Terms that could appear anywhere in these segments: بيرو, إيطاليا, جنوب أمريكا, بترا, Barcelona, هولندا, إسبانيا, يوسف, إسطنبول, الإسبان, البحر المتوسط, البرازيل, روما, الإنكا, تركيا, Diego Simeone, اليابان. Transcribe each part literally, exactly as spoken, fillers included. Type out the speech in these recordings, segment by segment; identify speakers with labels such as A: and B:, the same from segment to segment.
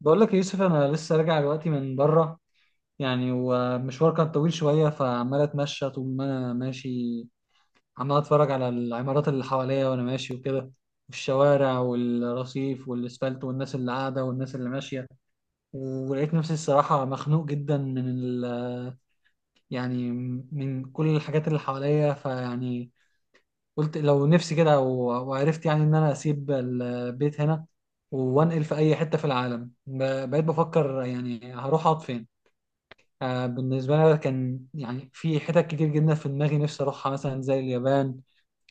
A: بقول لك يا يوسف، انا لسه راجع دلوقتي من بره. يعني ومشوار كان طويل شويه، فعمال اتمشى طول ما انا ماشي، عمال اتفرج على العمارات اللي حواليا وانا ماشي وكده، والشوارع والرصيف والاسفلت والناس اللي قاعده والناس اللي ماشيه. ولقيت نفسي الصراحه مخنوق جدا من ال يعني من كل الحاجات اللي حواليا. فيعني قلت لو نفسي كده، و- وعرفت يعني ان انا اسيب البيت هنا وانقل في اي حته في العالم. ب- بقيت بفكر يعني هروح اقعد فين. آه، بالنسبة لي كان يعني في حتت كتير جدا في دماغي نفسي أروحها، مثلا زي اليابان،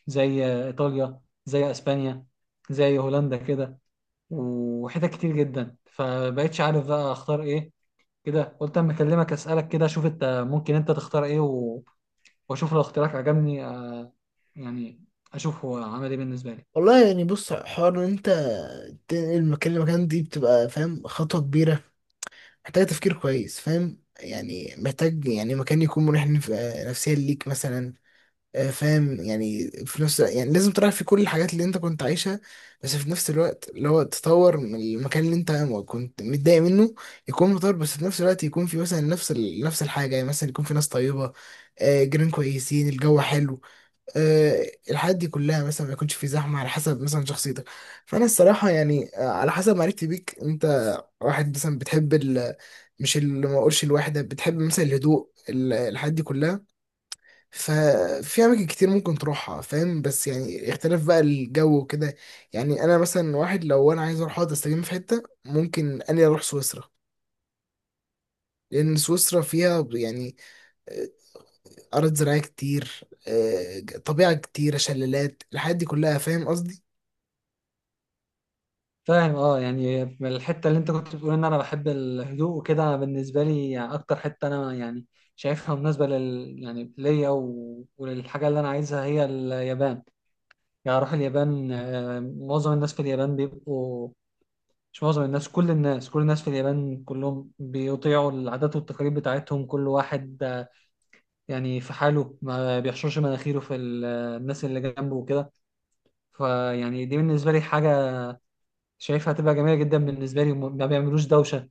A: زي آه، إيطاليا، زي أسبانيا، زي هولندا كده، وحتت كتير جدا، فبقيتش عارف بقى أختار إيه. كده قلت أما أكلمك أسألك كده أشوف أنت ممكن أنت تختار إيه، و- وأشوف لو اختيارك عجبني آه، يعني أشوف هو عمل إيه بالنسبة لي.
B: والله يعني بص حوار ان انت تنقل مكان لمكان دي بتبقى فاهم خطوة كبيرة محتاجة تفكير كويس، فاهم؟ يعني محتاج يعني مكان يكون مريح نف- نفسيا ليك مثلا. آه، فاهم؟ يعني في نفس، يعني لازم تراعي في كل الحاجات اللي انت كنت عايشها، بس في نفس الوقت اللي هو تطور من المكان اللي انت كنت متضايق منه، يكون متطور. بس في نفس الوقت يكون في مثلا نفس ال... نفس الحاجة، يعني مثلا يكون في ناس طيبة، آه، جيران كويسين، الجو حلو، آه، الحاجات دي كلها، مثلا ما يكونش في زحمه على حسب مثلا شخصيتك. فانا الصراحه يعني، آه، على حسب معرفتي بيك، انت واحد مثلا بتحب ال، مش اللي ما اقولش الواحده، بتحب مثلا الهدوء ال- الحاجات دي كلها. ففي اماكن كتير ممكن تروحها، فاهم؟ بس يعني اختلاف بقى الجو وكده. يعني انا مثلا واحد، لو انا عايز اروح اقعد استجم في حته ممكن اني اروح سويسرا، لان سويسرا فيها يعني، آه، ارض زراعيه كتير، آه، طبيعه كتيره، شلالات، الحاجات دي كلها، فاهم قصدي؟
A: فاهم، اه، يعني الحته اللي انت كنت بتقول ان انا بحب الهدوء وكده، انا بالنسبه لي يعني اكتر حته انا يعني شايفها مناسبه لل يعني ليا و... وللحاجه اللي انا عايزها هي اليابان. يعني اروح اليابان. آه، معظم الناس في اليابان بيبقوا، مش معظم الناس، كل الناس، كل الناس في اليابان كلهم بيطيعوا العادات والتقاليد بتاعتهم. كل واحد آه، يعني في حاله، ما بيحشرش مناخيره في ال- الناس اللي جنبه وكده. فيعني دي بالنسبه لي حاجه شايفها هتبقى جميله جدا بالنسبه لي. وما- ما بيعملوش دوشه،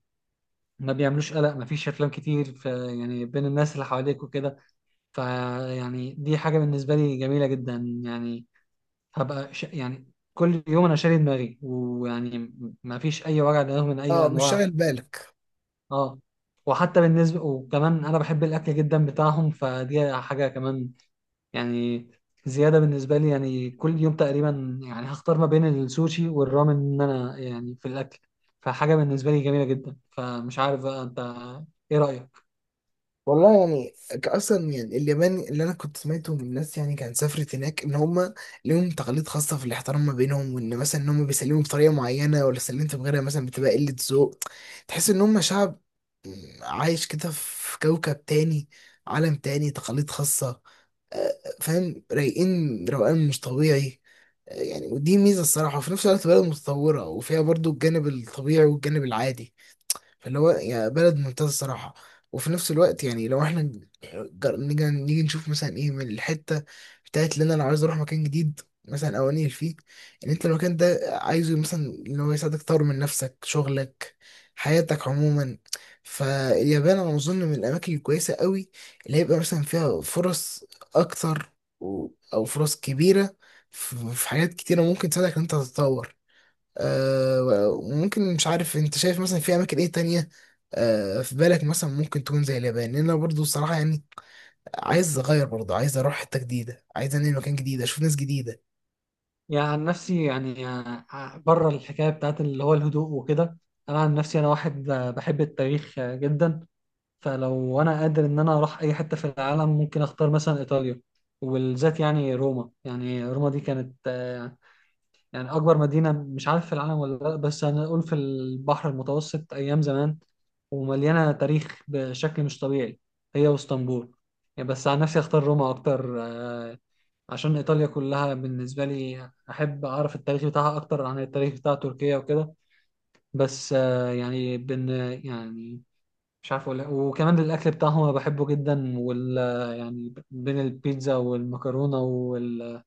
A: ما بيعملوش قلق، ما فيش افلام كتير ف يعني بين الناس اللي حواليك وكده. فيعني دي حاجه بالنسبه لي جميله جدا. يعني هبقى ش... يعني كل يوم انا شاري دماغي، ويعني ما فيش اي وجع دماغ من اي
B: اه مش
A: الانواع.
B: شاغل بالك.
A: اه. وحتى بالنسبه وكمان انا بحب الاكل جدا بتاعهم، فدي حاجه كمان يعني زياده بالنسبه لي. يعني كل يوم تقريبا يعني هختار ما بين السوشي والرامن، ان انا يعني في الاكل. فحاجه بالنسبه لي جميله جدا. فمش عارف بقى انت ايه رايك.
B: والله يعني ك- اصلا يعني اليابان اللي انا كنت سمعته من الناس، يعني كان سافرت هناك، ان هم ليهم تقاليد خاصه في الاحترام ما بينهم، وان مثلا ان هم بيسلموا بطريقه معينه، ولا سلمت بغيرها مثلا بتبقى قله ذوق. تحس ان هم شعب عايش كده في كوكب تاني، عالم تاني، تقاليد خاصه. آه، فاهم؟ رايقين روقان مش طبيعي. آه، يعني ودي ميزه الصراحه، وفي نفس الوقت بلد متطوره، وفيها برضو الجانب الطبيعي والجانب العادي. فاللي هو يعني بلد ممتازة الصراحة. وفي نفس الوقت يعني لو احنا جر- نيجي نيجي نشوف مثلا ايه من الحتة بتاعت اللي انا لو عايز اروح مكان جديد مثلا او انقل فيه، ان انت المكان ده عايزه مثلا اللي هو يساعدك تطور من نفسك، شغلك، حياتك عموما. فاليابان انا اظن من الاماكن الكويسة قوي، اللي هيبقى مثلا فيها فرص اكتر و- او فرص كبيرة في في حاجات كتيرة ممكن تساعدك ان انت تتطور. آه، وممكن مش عارف انت شايف مثلا في اماكن ايه تانية، آه، في بالك مثلا ممكن تكون زي اليابان، لان انا برضو الصراحة يعني عايز اغير، برضو عايز اروح حتة جديدة، عايز انقل مكان جديد، اشوف ناس جديدة.
A: يعني عن نفسي يعني، آه، بره الحكاية بتاعت اللي هو الهدوء وكده، أنا عن نفسي أنا واحد آه، بحب التاريخ آه، جدا. فلو أنا قادر إن أنا أروح أي حتة في العالم ممكن أختار مثلا إيطاليا، وبالذات يعني روما. يعني روما دي كانت آه، يعني أكبر مدينة، مش عارف في العالم ولا لأ، بس أنا أقول في البحر المتوسط أيام زمان، ومليانة تاريخ بشكل مش طبيعي، هي واسطنبول. يعني بس عن نفسي أختار روما أكتر، آه، عشان إيطاليا كلها بالنسبة لي أحب أعرف التاريخ بتاعها أكتر عن التاريخ بتاع تركيا وكده. بس آه، يعني بن يعني مش عارف أقول إيه. وكمان الأكل بتاعهم أنا بحبه جدا، وال يعني بين البيتزا والمكرونة وال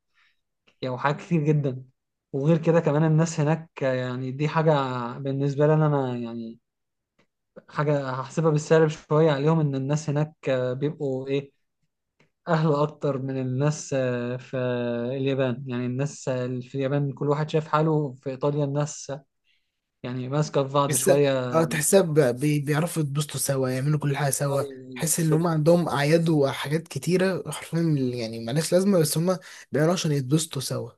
A: يعني وحاجات كتير جدا. وغير كده كمان الناس هناك، آه، يعني دي حاجة بالنسبة لي أنا أنا يعني حاجة هحسبها بالسالب شوية عليهم، إن الناس هناك آه، بيبقوا إيه، أهلا أكتر من الناس آه، في اليابان. يعني الناس آه، في اليابان كل واحد شايف حاله، في إيطاليا الناس آه، يعني ماسكة في بعض
B: بس
A: شوية.
B: اه تحسها ب- بي- بيعرفوا يتبسطوا سوا، يعملوا كل حاجة سوا.
A: أي-
B: تحس ان هم
A: كده.
B: عندهم اعياد وحاجات كتيرة حرفيا يعني ملهاش لازمة، بس هم بيعملوها عشان يتبسطوا سوا.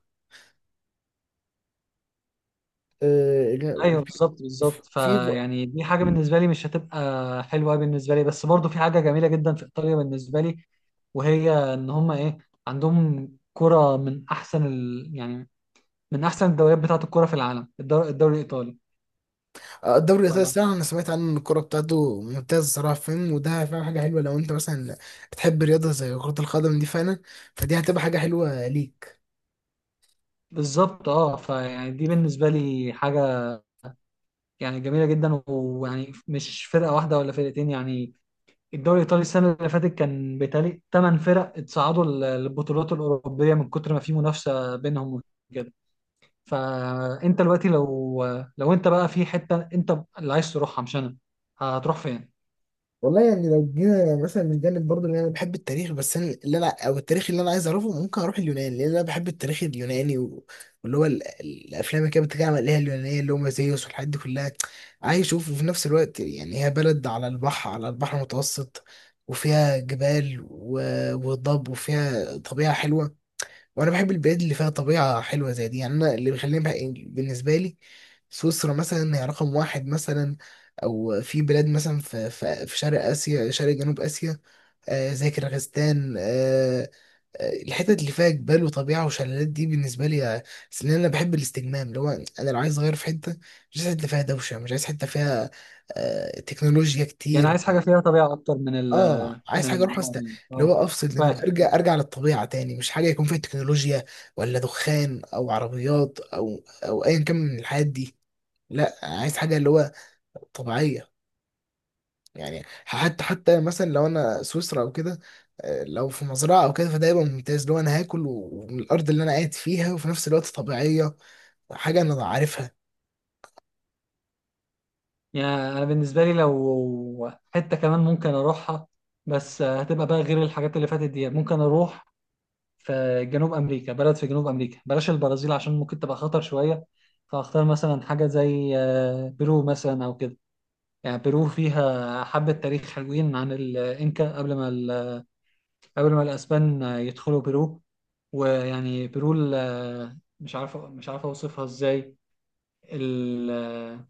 B: آه،
A: أيوه، بالظبط بالظبط
B: في.
A: فيعني دي حاجة بالنسبة لي مش هتبقى حلوة بالنسبة لي. بس برضو في حاجة جميلة جدا في إيطاليا بالنسبة لي، وهي إن هما إيه، عندهم كرة من أحسن ال... يعني من أحسن الدوريات بتاعة الكرة في العالم، الدور... الدوري الإيطالي.
B: آه، الدوري
A: ف...
B: الايطالي الصراحه انا سمعت عنه ان الكوره بتاعته ممتازه الصراحه، فاهم؟ وده فاهم حاجه حلوه لو انت مثلا بتحب رياضه زي كره القدم دي فعلا، فدي هتبقى حاجه حلوه ليك.
A: بالظبط، اه، فيعني دي بالنسبة لي حاجة يعني جميله جدا. ويعني مش فرقه واحده ولا فرقتين يعني، الدوري الايطالي السنه اللي فاتت كان بيتهيألي ثمان فرق اتصعدوا للبطولات الاوروبيه من كتر ما في منافسه بينهم وكده. فانت دلوقتي لو، لو انت بقى في حته انت اللي عايز تروحها مش انا، هتروح فين؟
B: والله يعني لو جينا مثلا من جانب برضه اللي انا بحب التاريخ، بس انا اللي انا او التاريخ اللي انا عايز اعرفه، ممكن اروح اليونان، لان انا بحب التاريخ اليوناني و- واللي هو ال- الافلام اللي كانت بتتكلم عليها اليونانيه اللي هم زيوس والحاجات دي كلها، عايز اشوف. وفي نفس الوقت يعني هي بلد على البحر، على البحر المتوسط، وفيها جبال و- وضب، وفيها طبيعة حلوة. وانا بحب البلاد اللي فيها طبيعه حلوه زي دي، يعني انا اللي بيخليني بح- بالنسبه لي سويسرا مثلا هي رقم واحد مثلا، او في بلاد مثلا في في, في شرق اسيا، شرق جنوب اسيا، آه زي كيرغستان. آه، آه، الحتت اللي فيها جبال وطبيعه وشلالات دي بالنسبه لي، آه، أصل انا بحب الاستجمام اللي هو انا لو عايز اغير في حته، مش عايز حته فيها دوشه، مش عايز حته فيها آه تكنولوجيا
A: يعني
B: كتير.
A: عايز حاجه فيها طبيعه اكتر من ال
B: اه عايز
A: من
B: حاجه اروح
A: العمار
B: است،
A: يعني،
B: اللي
A: اه.
B: هو افصل دماغي،
A: فاهم
B: ارجع
A: فاهم.
B: ارجع للطبيعه تاني. مش حاجه يكون فيها تكنولوجيا ولا دخان او عربيات او او ايا كان من الحاجات دي. لا عايز حاجه اللي هو طبيعيه. يعني حتى حتى مثلا لو انا سويسرا او كده، آه، لو في مزرعه او كده فده يبقى ممتاز، اللي هو انا هاكل و- ومن الارض اللي انا قاعد فيها، وفي نفس الوقت طبيعيه، حاجه انا عارفها.
A: يعني انا بالنسبه لي لو حته كمان ممكن اروحها، بس هتبقى بقى غير الحاجات اللي فاتت دي، ممكن اروح في جنوب امريكا. بلد في جنوب امريكا، بلاش البرازيل عشان ممكن تبقى خطر شويه، فاختار مثلا حاجه زي آه، بيرو مثلا او كده. يعني بيرو فيها حبه تاريخ حلوين عن الانكا قبل ما ال- قبل ما الاسبان آه، يدخلوا بيرو. ويعني بيرو ال- آه، مش عارف، مش عارف اوصفها ازاي. ال- آه،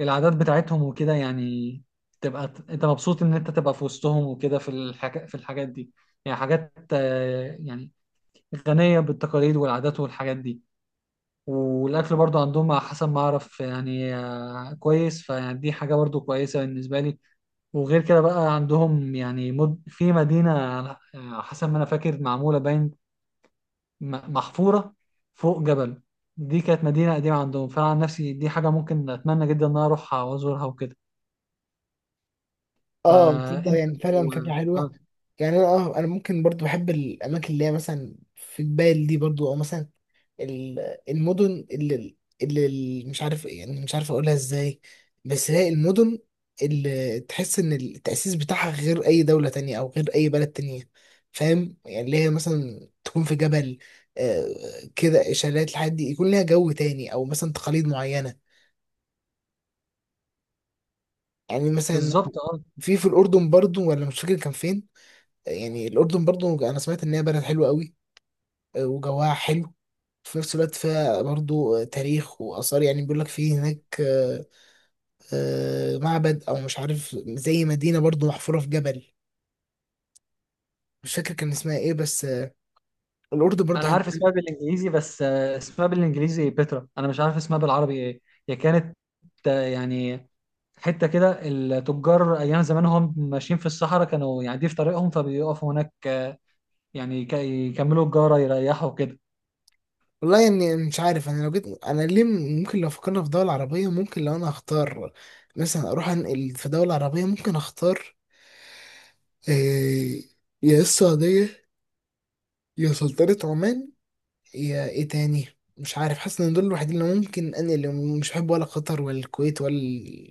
A: العادات بتاعتهم وكده يعني، تبقى ت- انت مبسوط ان انت تبقى في وسطهم وكده، في الحاجات في الحاجات دي. يعني حاجات آه، يعني غنية بالتقاليد والعادات والحاجات دي. والاكل برضو عندهم على حسب ما اعرف يعني، آه، كويس، فيعني دي حاجه برضو كويسه بالنسبه لي. وغير كده بقى عندهم يعني، مد... في مدينه، آه، على حسب ما انا فاكر معموله باين، م- محفوره فوق جبل، دي كانت مدينه قديمه عندهم. فانا عن نفسي دي حاجه ممكن اتمنى جدا ان انا اروحها وازورها وكده.
B: اه تبدا
A: فانت
B: يعني فعلا فكره
A: لو- آه،
B: حلوه.
A: آه،
B: يعني انا اه انا ممكن برضو بحب الاماكن اللي هي مثلا في جبال دي برضو، او مثلا ال- المدن اللي اللي اللي مش عارف إيه، يعني مش عارف اقولها ازاي. بس هي المدن اللي تحس ان التأسيس بتاعها غير اي دولة تانية او غير اي بلد تانية، فاهم؟ يعني اللي هي مثلا تكون في جبل، آه، كده شلالات، الحاجات دي يكون ليها جو تاني، او مثلا تقاليد معينة. يعني مثلا
A: بالظبط، اه.
B: في في الأردن برضو ولا مش فاكر كان فين، يعني الأردن برضو أنا سمعت إن هي بلد حلوة قوي، آه، وجوها حلو، في نفس الوقت فيها برضو، آه، تاريخ وآثار، يعني بيقول لك في هناك، آه، آه، معبد او مش عارف زي مدينه برضو محفوره في جبل. مش فاكر كان اسمها ايه بس آه، الاردن برضو
A: انا عارف
B: حلوه.
A: اسمها بالانجليزي، بس آه، اسمها بالانجليزي بترا، انا مش عارف اسمها بالعربي ايه. هي كانت آه، يعني حته كده، التجار ايام زمان هم ماشيين في الصحراء كانوا يعني دي في طريقهم، فبيقفوا هناك آه، يعني يك- يكملوا الجاره يريحوا كده.
B: والله يعني مش عارف انا لو جيت انا ليه، م- ممكن لو فكرنا في دوله عربيه، ممكن لو انا هختار مثلا اروح انقل في دوله عربيه، ممكن اختار آه، يا السعوديه، يا سلطنه عمان، يا ايه تاني. مش عارف، حاسس ان دول الوحيدين اللي ممكن انا اللي، مش بحب ولا قطر ولا الكويت ولا،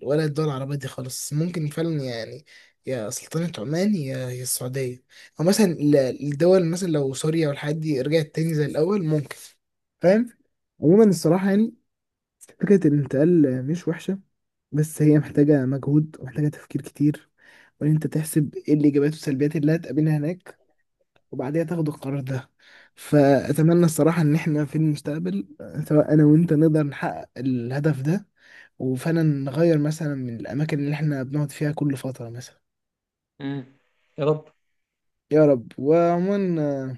B: ولا الدول العربية دي خالص ممكن فعلا يعني، يا سلطنة عمان يا يا السعودية. او مثلا ال- الدول مثلا لو سوريا والحاجات دي رجعت تاني زي الاول ممكن، فاهم؟ عموما الصراحة يعني فكرة الانتقال مش وحشة، بس هي محتاجة مجهود ومحتاجة تفكير كتير، وإن أنت تحسب إيه الإيجابيات والسلبيات اللي هتقابلها هناك، وبعديها تاخدوا القرار ده. فأتمنى الصراحة إن إحنا في المستقبل سواء أنا وأنت نقدر نحقق الهدف ده، وفعلا نغير مثلا من الأماكن اللي إحنا بنقعد فيها كل فترة مثلا.
A: امم يا رب.
B: يا رب. وعموما آه،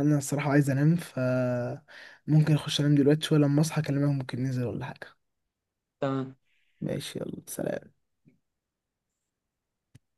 B: أنا الصراحة عايز أنام، فممكن أخش أنام دلوقتي شوية، لما أصحى أكلمك ممكن ننزل ولا حاجة.
A: تمام.
B: ماشي يلا سلام.